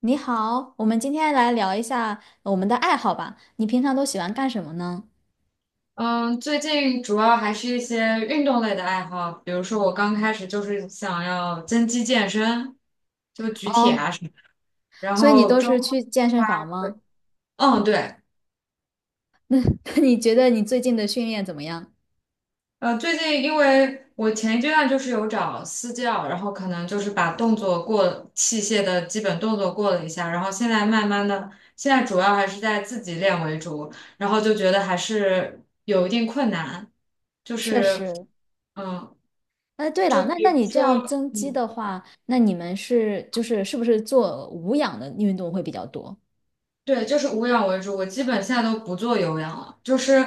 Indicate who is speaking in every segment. Speaker 1: 你好，我们今天来聊一下我们的爱好吧。你平常都喜欢干什么呢？
Speaker 2: 嗯，最近主要还是一些运动类的爱好，比如说我刚开始就是想要增肌健身，就举铁啊
Speaker 1: 哦，
Speaker 2: 什么。然
Speaker 1: 所以你
Speaker 2: 后
Speaker 1: 都
Speaker 2: 中，
Speaker 1: 是去健身房吗？
Speaker 2: 嗯，对。
Speaker 1: 你觉得你最近的训练怎么样？
Speaker 2: 最近因为我前一阶段就是有找私教，然后可能就是把动作过器械的基本动作过了一下，然后现在慢慢的，现在主要还是在自己练为主，然后就觉得还是有一定困难，就
Speaker 1: 确
Speaker 2: 是
Speaker 1: 实。
Speaker 2: 嗯，
Speaker 1: 对了，
Speaker 2: 就
Speaker 1: 那
Speaker 2: 比
Speaker 1: 那
Speaker 2: 如
Speaker 1: 你这样
Speaker 2: 说。
Speaker 1: 增肌的话，那你们是不是做无氧的运动会比较多？
Speaker 2: 对，就是无氧为主，我基本现在都不做有氧了。就是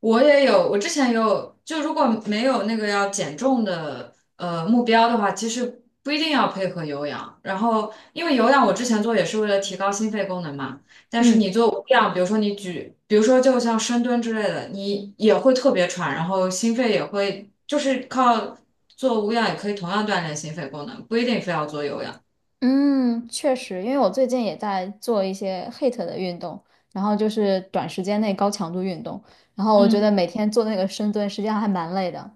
Speaker 2: 我也有，我之前也有，就如果没有那个要减重的目标的话，其实不一定要配合有氧。然后，因为有氧我之前做也是为了提高心肺功能嘛，但是
Speaker 1: 嗯
Speaker 2: 你做无氧，比如说你举，比如说就像深蹲之类的，你也会特别喘，然后心肺也会，就是靠做无氧也可以同样锻炼心肺功能，不一定非要做有氧。
Speaker 1: 嗯，确实，因为我最近也在做一些 HIIT 的运动，然后就是短时间内高强度运动，然后我觉得
Speaker 2: 嗯。
Speaker 1: 每天做那个深蹲，实际上还蛮累的。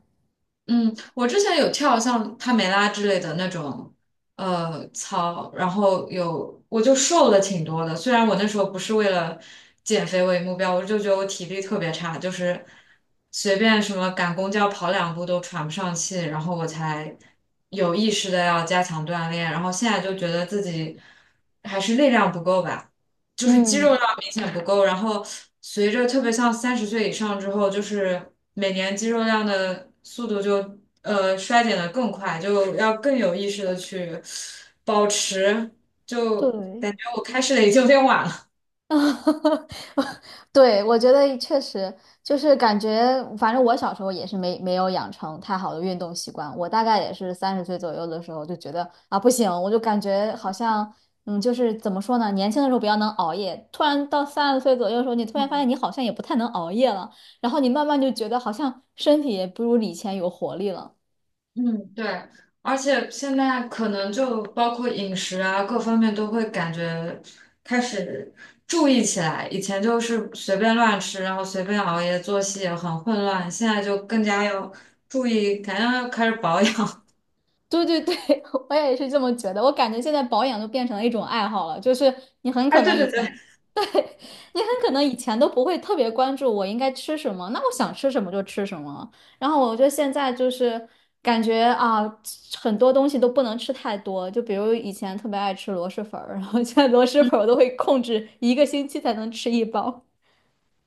Speaker 2: 嗯，我之前有跳像帕梅拉之类的那种操，然后我就瘦了挺多的。虽然我那时候不是为了减肥为目标，我就觉得我体力特别差，就是随便什么赶公交跑两步都喘不上气，然后我才有意识的要加强锻炼。然后现在就觉得自己还是力量不够吧。就是肌肉
Speaker 1: 嗯，
Speaker 2: 量明显不够，然后随着特别像30岁以上之后，就是每年肌肉量的速度就衰减的更快，就要更有意识的去保持，就
Speaker 1: 对。
Speaker 2: 感觉我开始的已经有点晚了。
Speaker 1: 啊，对，我觉得确实就是感觉，反正我小时候也是没有养成太好的运动习惯。我大概也是三十岁左右的时候就觉得啊不行，我就感觉好像就是怎么说呢，年轻的时候比较能熬夜，突然到三十岁左右的时候，你突然发现你好像也不太能熬夜了，然后你慢慢就觉得好像身体也不如以前有活力了。
Speaker 2: 嗯，对，而且现在可能就包括饮食啊，各方面都会感觉开始注意起来。以前就是随便乱吃，然后随便熬夜，作息也很混乱，现在就更加要注意，感觉要开始保养。
Speaker 1: 对对对，我也是这么觉得。我感觉现在保养都变成了一种爱好了，就是你很
Speaker 2: 哎，
Speaker 1: 可
Speaker 2: 对
Speaker 1: 能以
Speaker 2: 对对。
Speaker 1: 前。你很可能以前都不会特别关注我应该吃什么，那我想吃什么就吃什么。然后我觉得现在就是感觉啊，很多东西都不能吃太多，就比如以前特别爱吃螺蛳粉儿，然后现在螺蛳粉儿我都会控制一个星期才能吃一包。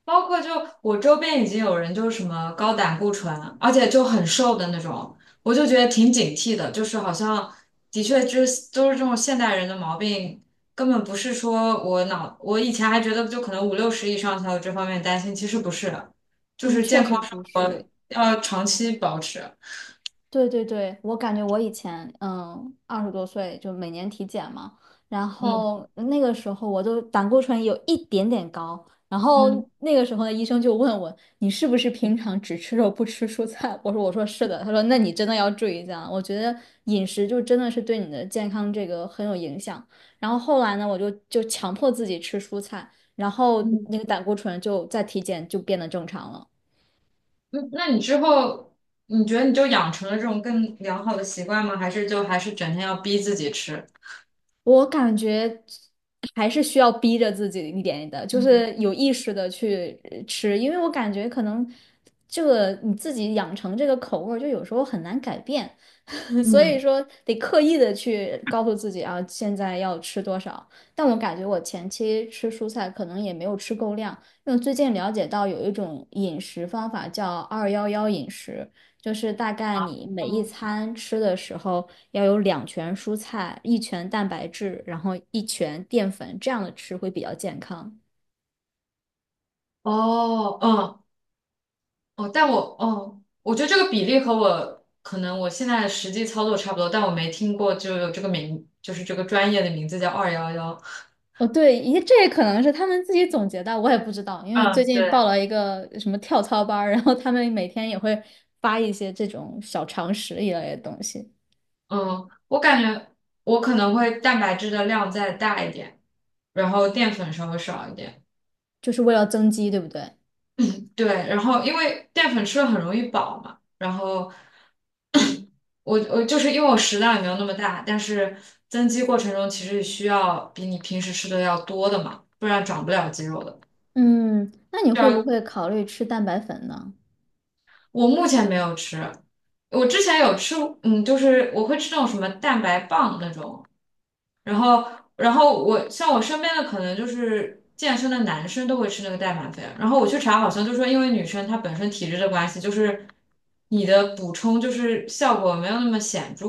Speaker 2: 包括就我周边已经有人就是什么高胆固醇，而且就很瘦的那种，我就觉得挺警惕的，就是好像的确就是都是这种现代人的毛病，根本不是说我以前还觉得就可能五六十以上才有这方面担心，其实不是，就
Speaker 1: 嗯，
Speaker 2: 是健
Speaker 1: 确
Speaker 2: 康
Speaker 1: 实
Speaker 2: 生
Speaker 1: 不
Speaker 2: 活
Speaker 1: 是。
Speaker 2: 要长期保持。
Speaker 1: 对对对，我感觉我以前二十多岁就每年体检嘛，然
Speaker 2: 嗯
Speaker 1: 后那个时候我都胆固醇有一点点高，然
Speaker 2: 嗯
Speaker 1: 后那个时候的医生就问我你是不是平常只吃肉不吃蔬菜？我说是的，他说那你真的要注意一下，我觉得饮食就真的是对你的健康这个很有影响。然后后来呢，我就强迫自己吃蔬菜，然后
Speaker 2: 嗯
Speaker 1: 那个胆固醇就在体检就变得正常了。
Speaker 2: 嗯。那你之后你觉得你就养成了这种更良好的习惯吗？还是就还是整天要逼自己吃？
Speaker 1: 我感觉还是需要逼着自己一点的，就
Speaker 2: 嗯
Speaker 1: 是有意识的去吃，因为我感觉可能这个你自己养成这个口味儿就有时候很难改变，所以
Speaker 2: 嗯。
Speaker 1: 说得刻意的去告诉自己啊，现在要吃多少。但我感觉我前期吃蔬菜可能也没有吃够量，因为最近了解到有一种饮食方法叫“二幺幺饮食”，就是大概你每一
Speaker 2: 嗯
Speaker 1: 餐吃的时候要有两拳蔬菜，一拳蛋白质，然后一拳淀粉，这样的吃会比较健康。
Speaker 2: 哦，嗯，哦，但我，哦，我觉得这个比例和我可能我现在实际操作差不多，但我没听过就有这个名，就是这个专业的名字叫211。
Speaker 1: 哦，对，咦，这也可能是他们自己总结的，我也不知道，因为最
Speaker 2: 嗯，
Speaker 1: 近
Speaker 2: 对，
Speaker 1: 报了一个什么跳操班儿然后他们每天也会发一些这种小常识一类的东西，
Speaker 2: 嗯，我感觉我可能会蛋白质的量再大一点，然后淀粉稍微少一点。
Speaker 1: 就是为了增肌，对不对？
Speaker 2: 对，然后因为淀粉吃了很容易饱嘛，然后我就是因为我食量也没有那么大，但是增肌过程中其实需要比你平时吃的要多的嘛，不然长不了肌肉的。
Speaker 1: 嗯，那你会不
Speaker 2: 要。
Speaker 1: 会考虑吃蛋白粉呢？
Speaker 2: 我目前没有吃，我之前有吃，就是我会吃那种什么蛋白棒那种，然后，然后，我像我身边的可能就是健身的男生都会吃那个代满粉，然后我去查好像就说因为女生她本身体质的关系，就是你的补充就是效果没有那么显著，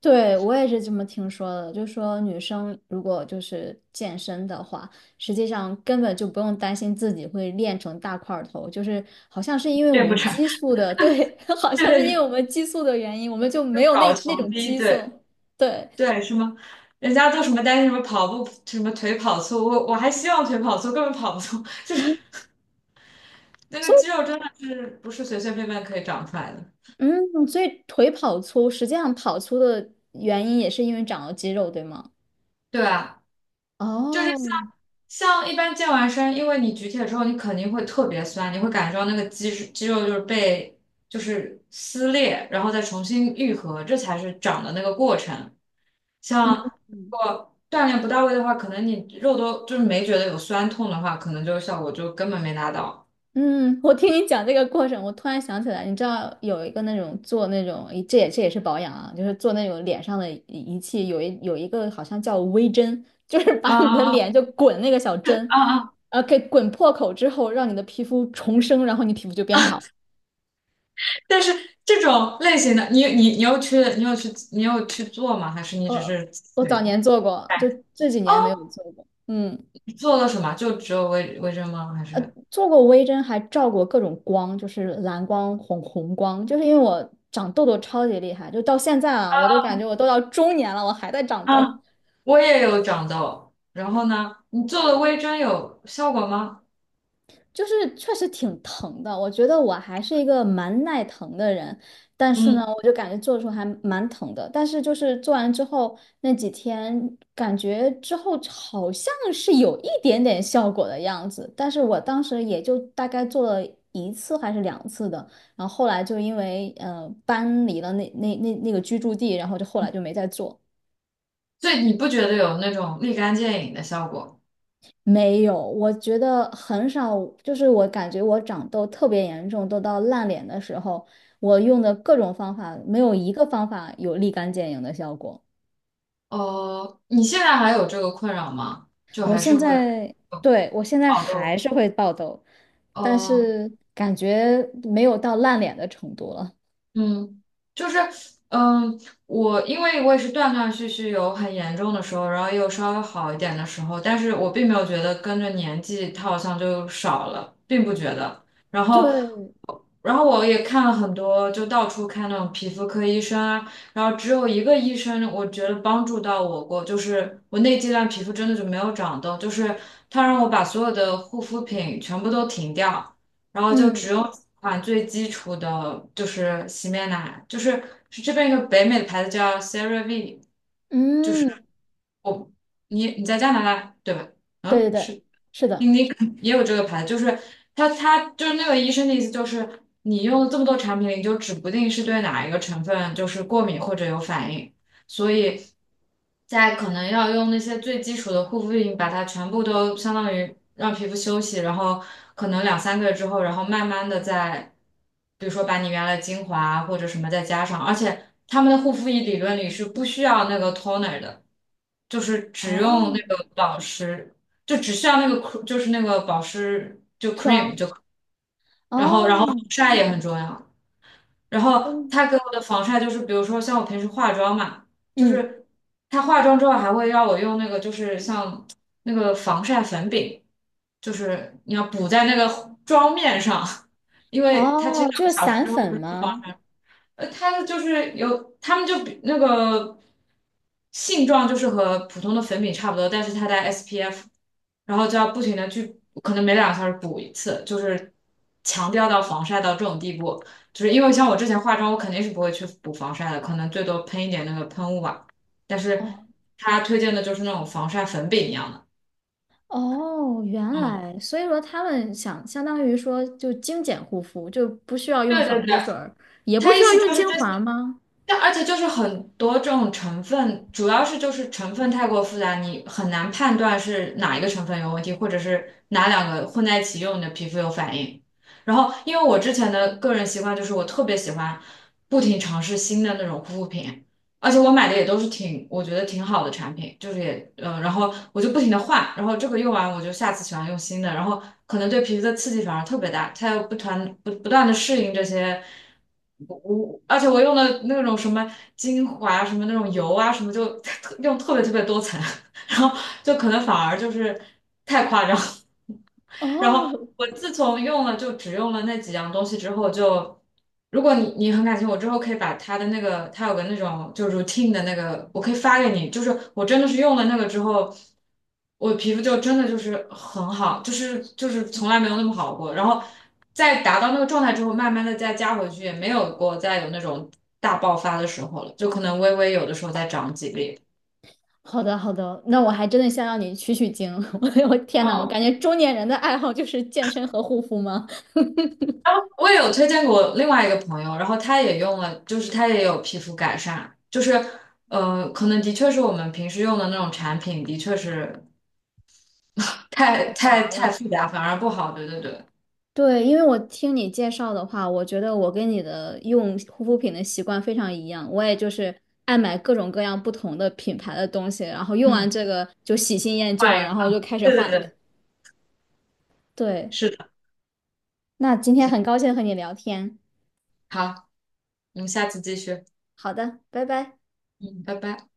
Speaker 1: 对，我也是这么听说的，就说女生如果就是健身的话，实际上根本就不用担心自己会练成大块儿头，就是好像是因为我
Speaker 2: 练不
Speaker 1: 们
Speaker 2: 成。
Speaker 1: 激素的，对，好
Speaker 2: 对
Speaker 1: 像
Speaker 2: 对
Speaker 1: 是因为
Speaker 2: 对，
Speaker 1: 我们激素的原因，我们就
Speaker 2: 就
Speaker 1: 没有
Speaker 2: 搞
Speaker 1: 那那
Speaker 2: 穷
Speaker 1: 种
Speaker 2: 逼，
Speaker 1: 激
Speaker 2: 对
Speaker 1: 素，对，
Speaker 2: 对，什么人家都什么担心什么跑步什么腿跑粗，我还希望腿跑粗，根本跑不粗。
Speaker 1: 啊
Speaker 2: 那个
Speaker 1: 所以
Speaker 2: 肌肉真的是不是随随便便可以长出来的。
Speaker 1: 嗯，所以腿跑粗，实际上跑粗的原因也是因为长了肌肉，对吗？
Speaker 2: 对啊，就是
Speaker 1: 哦，
Speaker 2: 像一般健完身，因为你举铁之后，你肯定会特别酸，你会感觉到那个肌肉就是被就是撕裂，然后再重新愈合，这才是长的那个过程。像
Speaker 1: 嗯。
Speaker 2: 如果锻炼不到位的话，可能你肉都就是没觉得有酸痛的话，可能就效果就根本没达到。
Speaker 1: 嗯，我听你讲这个过程，我突然想起来，你知道有一个那种做那种，这也是保养啊，就是做那种脸上的仪器，有一个好像叫微针，就是
Speaker 2: 啊
Speaker 1: 把你的
Speaker 2: 啊啊
Speaker 1: 脸就滚那个小针，
Speaker 2: 啊啊！
Speaker 1: 给滚破口之后，让你的皮肤重生，然后你皮肤就变好。
Speaker 2: 但是这种类型的，你有去做吗？还是你只
Speaker 1: 呃，
Speaker 2: 是
Speaker 1: 我
Speaker 2: 对？
Speaker 1: 早
Speaker 2: 询？
Speaker 1: 年做过，就这几年没有
Speaker 2: 哦，
Speaker 1: 做过。嗯。
Speaker 2: 你做了什么？就只有微针吗？还是
Speaker 1: 做过微针，还照过各种光，就是蓝光、红光，就是因为我长痘痘超级厉害，就到现在啊，我都感觉我都到中年了，我还在长痘。
Speaker 2: 啊，我也有长痘？然后呢？你做了微针有效果吗？
Speaker 1: 就是确实挺疼的。我觉得我还是一个蛮耐疼的人，但是
Speaker 2: 嗯，
Speaker 1: 呢，我就感觉做的时候还蛮疼的。但是就是做完之后那几天，感觉之后好像是有一点点效果的样子。但是我当时也就大概做了一次还是两次的，然后后来就因为搬离了那个居住地，然后就后来就没再做。
Speaker 2: 所以你不觉得有那种立竿见影的效果？
Speaker 1: 没有，我觉得很少，就是我感觉我长痘特别严重，都到烂脸的时候，我用的各种方法，没有一个方法有立竿见影的效果。
Speaker 2: 哦，你现在还有这个困扰吗？就
Speaker 1: 我
Speaker 2: 还是
Speaker 1: 现
Speaker 2: 会
Speaker 1: 在，对，我现在
Speaker 2: 爆
Speaker 1: 还
Speaker 2: 痘？
Speaker 1: 是会爆痘，但
Speaker 2: 哦，
Speaker 1: 是感觉没有到烂脸的程度了。
Speaker 2: 嗯，就是，嗯，我因为我也是断断续续有很严重的时候，然后又稍微好一点的时候，但是我并没有觉得跟着年纪它好像就少了，并不觉得。然后，
Speaker 1: 对，
Speaker 2: 然后我也看了很多，就到处看那种皮肤科医生啊，然后只有一个医生我觉得帮助到我过，就是我那阶段皮肤真的就没有长痘，就是他让我把所有的护肤品全部都停掉。然 后就只
Speaker 1: 嗯
Speaker 2: 用几款最基础的，就是洗面奶，就是这边一个北美的牌子叫 Serave。
Speaker 1: 嗯，
Speaker 2: 我你在加拿大对吧？嗯，
Speaker 1: 对对对，
Speaker 2: 是。
Speaker 1: 是
Speaker 2: 你
Speaker 1: 的，
Speaker 2: 你也有这个牌子，就是他就是那个医生的意思就是，你用了这么多产品，你就指不定是对哪一个成分就是过敏或者有反应，所以在可能要用那些最基础的护肤品，把它全部都相当于让皮肤休息，然后可能两三个月之后，然后慢慢的再，比如说把你原来的精华啊或者什么再加上，而且他们的护肤仪理论里是不需要那个 toner 的，就是只
Speaker 1: 哦，
Speaker 2: 用那个保湿。就只需要那个 就是那个保湿，
Speaker 1: 霜，
Speaker 2: 然后防
Speaker 1: 哦，
Speaker 2: 晒也很重要。然后
Speaker 1: 嗯
Speaker 2: 他给我的防晒就是，比如说像我平时化妆嘛，就
Speaker 1: 嗯，
Speaker 2: 是他化妆之后还会让我用那个就是像那个防晒粉饼，就是你要补在那个妆面上。因为他其实
Speaker 1: 哦，
Speaker 2: 两
Speaker 1: 就
Speaker 2: 个
Speaker 1: 是
Speaker 2: 小时
Speaker 1: 散
Speaker 2: 之后不
Speaker 1: 粉
Speaker 2: 是
Speaker 1: 吗？
Speaker 2: 它的就是有，他们就比那个性状就是和普通的粉饼差不多，但是它带 SPF，然后就要不停的去，可能每两个小时补一次，就是强调到防晒到这种地步，就是因为像我之前化妆，我肯定是不会去补防晒的，可能最多喷一点那个喷雾吧，但是
Speaker 1: 哦。
Speaker 2: 他推荐的就是那种防晒粉饼一样的。
Speaker 1: 哦，原
Speaker 2: 嗯，
Speaker 1: 来，所以说他们想相当于说就精简护肤，就不需要用
Speaker 2: 对对
Speaker 1: 爽
Speaker 2: 对，
Speaker 1: 肤水儿也不
Speaker 2: 他意
Speaker 1: 需要
Speaker 2: 思就
Speaker 1: 用
Speaker 2: 是
Speaker 1: 精
Speaker 2: 这。
Speaker 1: 华吗？
Speaker 2: 但而且就是很多这种成分，主要是就是成分太过复杂，你很难判断是哪一个成分有问题，或者是哪两个混在一起用你的皮肤有反应。然后，因为我之前的个人习惯就是我特别喜欢不停尝试新的那种护肤品，而且我买的也都是挺，我觉得挺好的产品，就是也，然后我就不停的换，然后这个用完我就下次喜欢用新的，然后可能对皮肤的刺激反而特别大，它要不团不不断的适应这些，而且我用的那种什么精华啊什么那种油啊什么就 用特别特别多层，然后就可能反而就是太夸张。然后
Speaker 1: 哦，
Speaker 2: 我自从用了就只用了那几样东西之后就。如果你很感谢我之后可以把他的那个，他有个那种就是 routine 的那个，我可以发给你。就是我真的是用了那个之后，我皮肤就真的就是很好，就是就是从来没有那么好过。然后在达到那个状态之后，慢慢的再加回去，也没有过再有那种大爆发的时候了，就可能微微有的时候再长几粒。
Speaker 1: 好的好的，那我还真的想让你取取经。我天呐，我
Speaker 2: 嗯
Speaker 1: 感觉中年人的爱好就是健身和护肤吗？
Speaker 2: 然后我也有推荐给我另外一个朋友，然后他也用了，就是他也有皮肤改善，就是可能的确是我们平时用的那种产品，的确是太
Speaker 1: 太
Speaker 2: 太
Speaker 1: 杂
Speaker 2: 太
Speaker 1: 了。
Speaker 2: 复杂，反而不好。对对对，
Speaker 1: 对，因为我听你介绍的话，我觉得我跟你的用护肤品的习惯非常一样，我也就是爱买各种各样不同的品牌的东西，然后用完
Speaker 2: 嗯，
Speaker 1: 这个就喜新厌旧
Speaker 2: 换一
Speaker 1: 了，
Speaker 2: 个，
Speaker 1: 然后就开始
Speaker 2: 对对
Speaker 1: 换。
Speaker 2: 对，
Speaker 1: 对，那今天
Speaker 2: 行，
Speaker 1: 很高兴和你聊天。
Speaker 2: 好，我们下次继续，
Speaker 1: 好的，拜拜。
Speaker 2: 嗯，拜拜。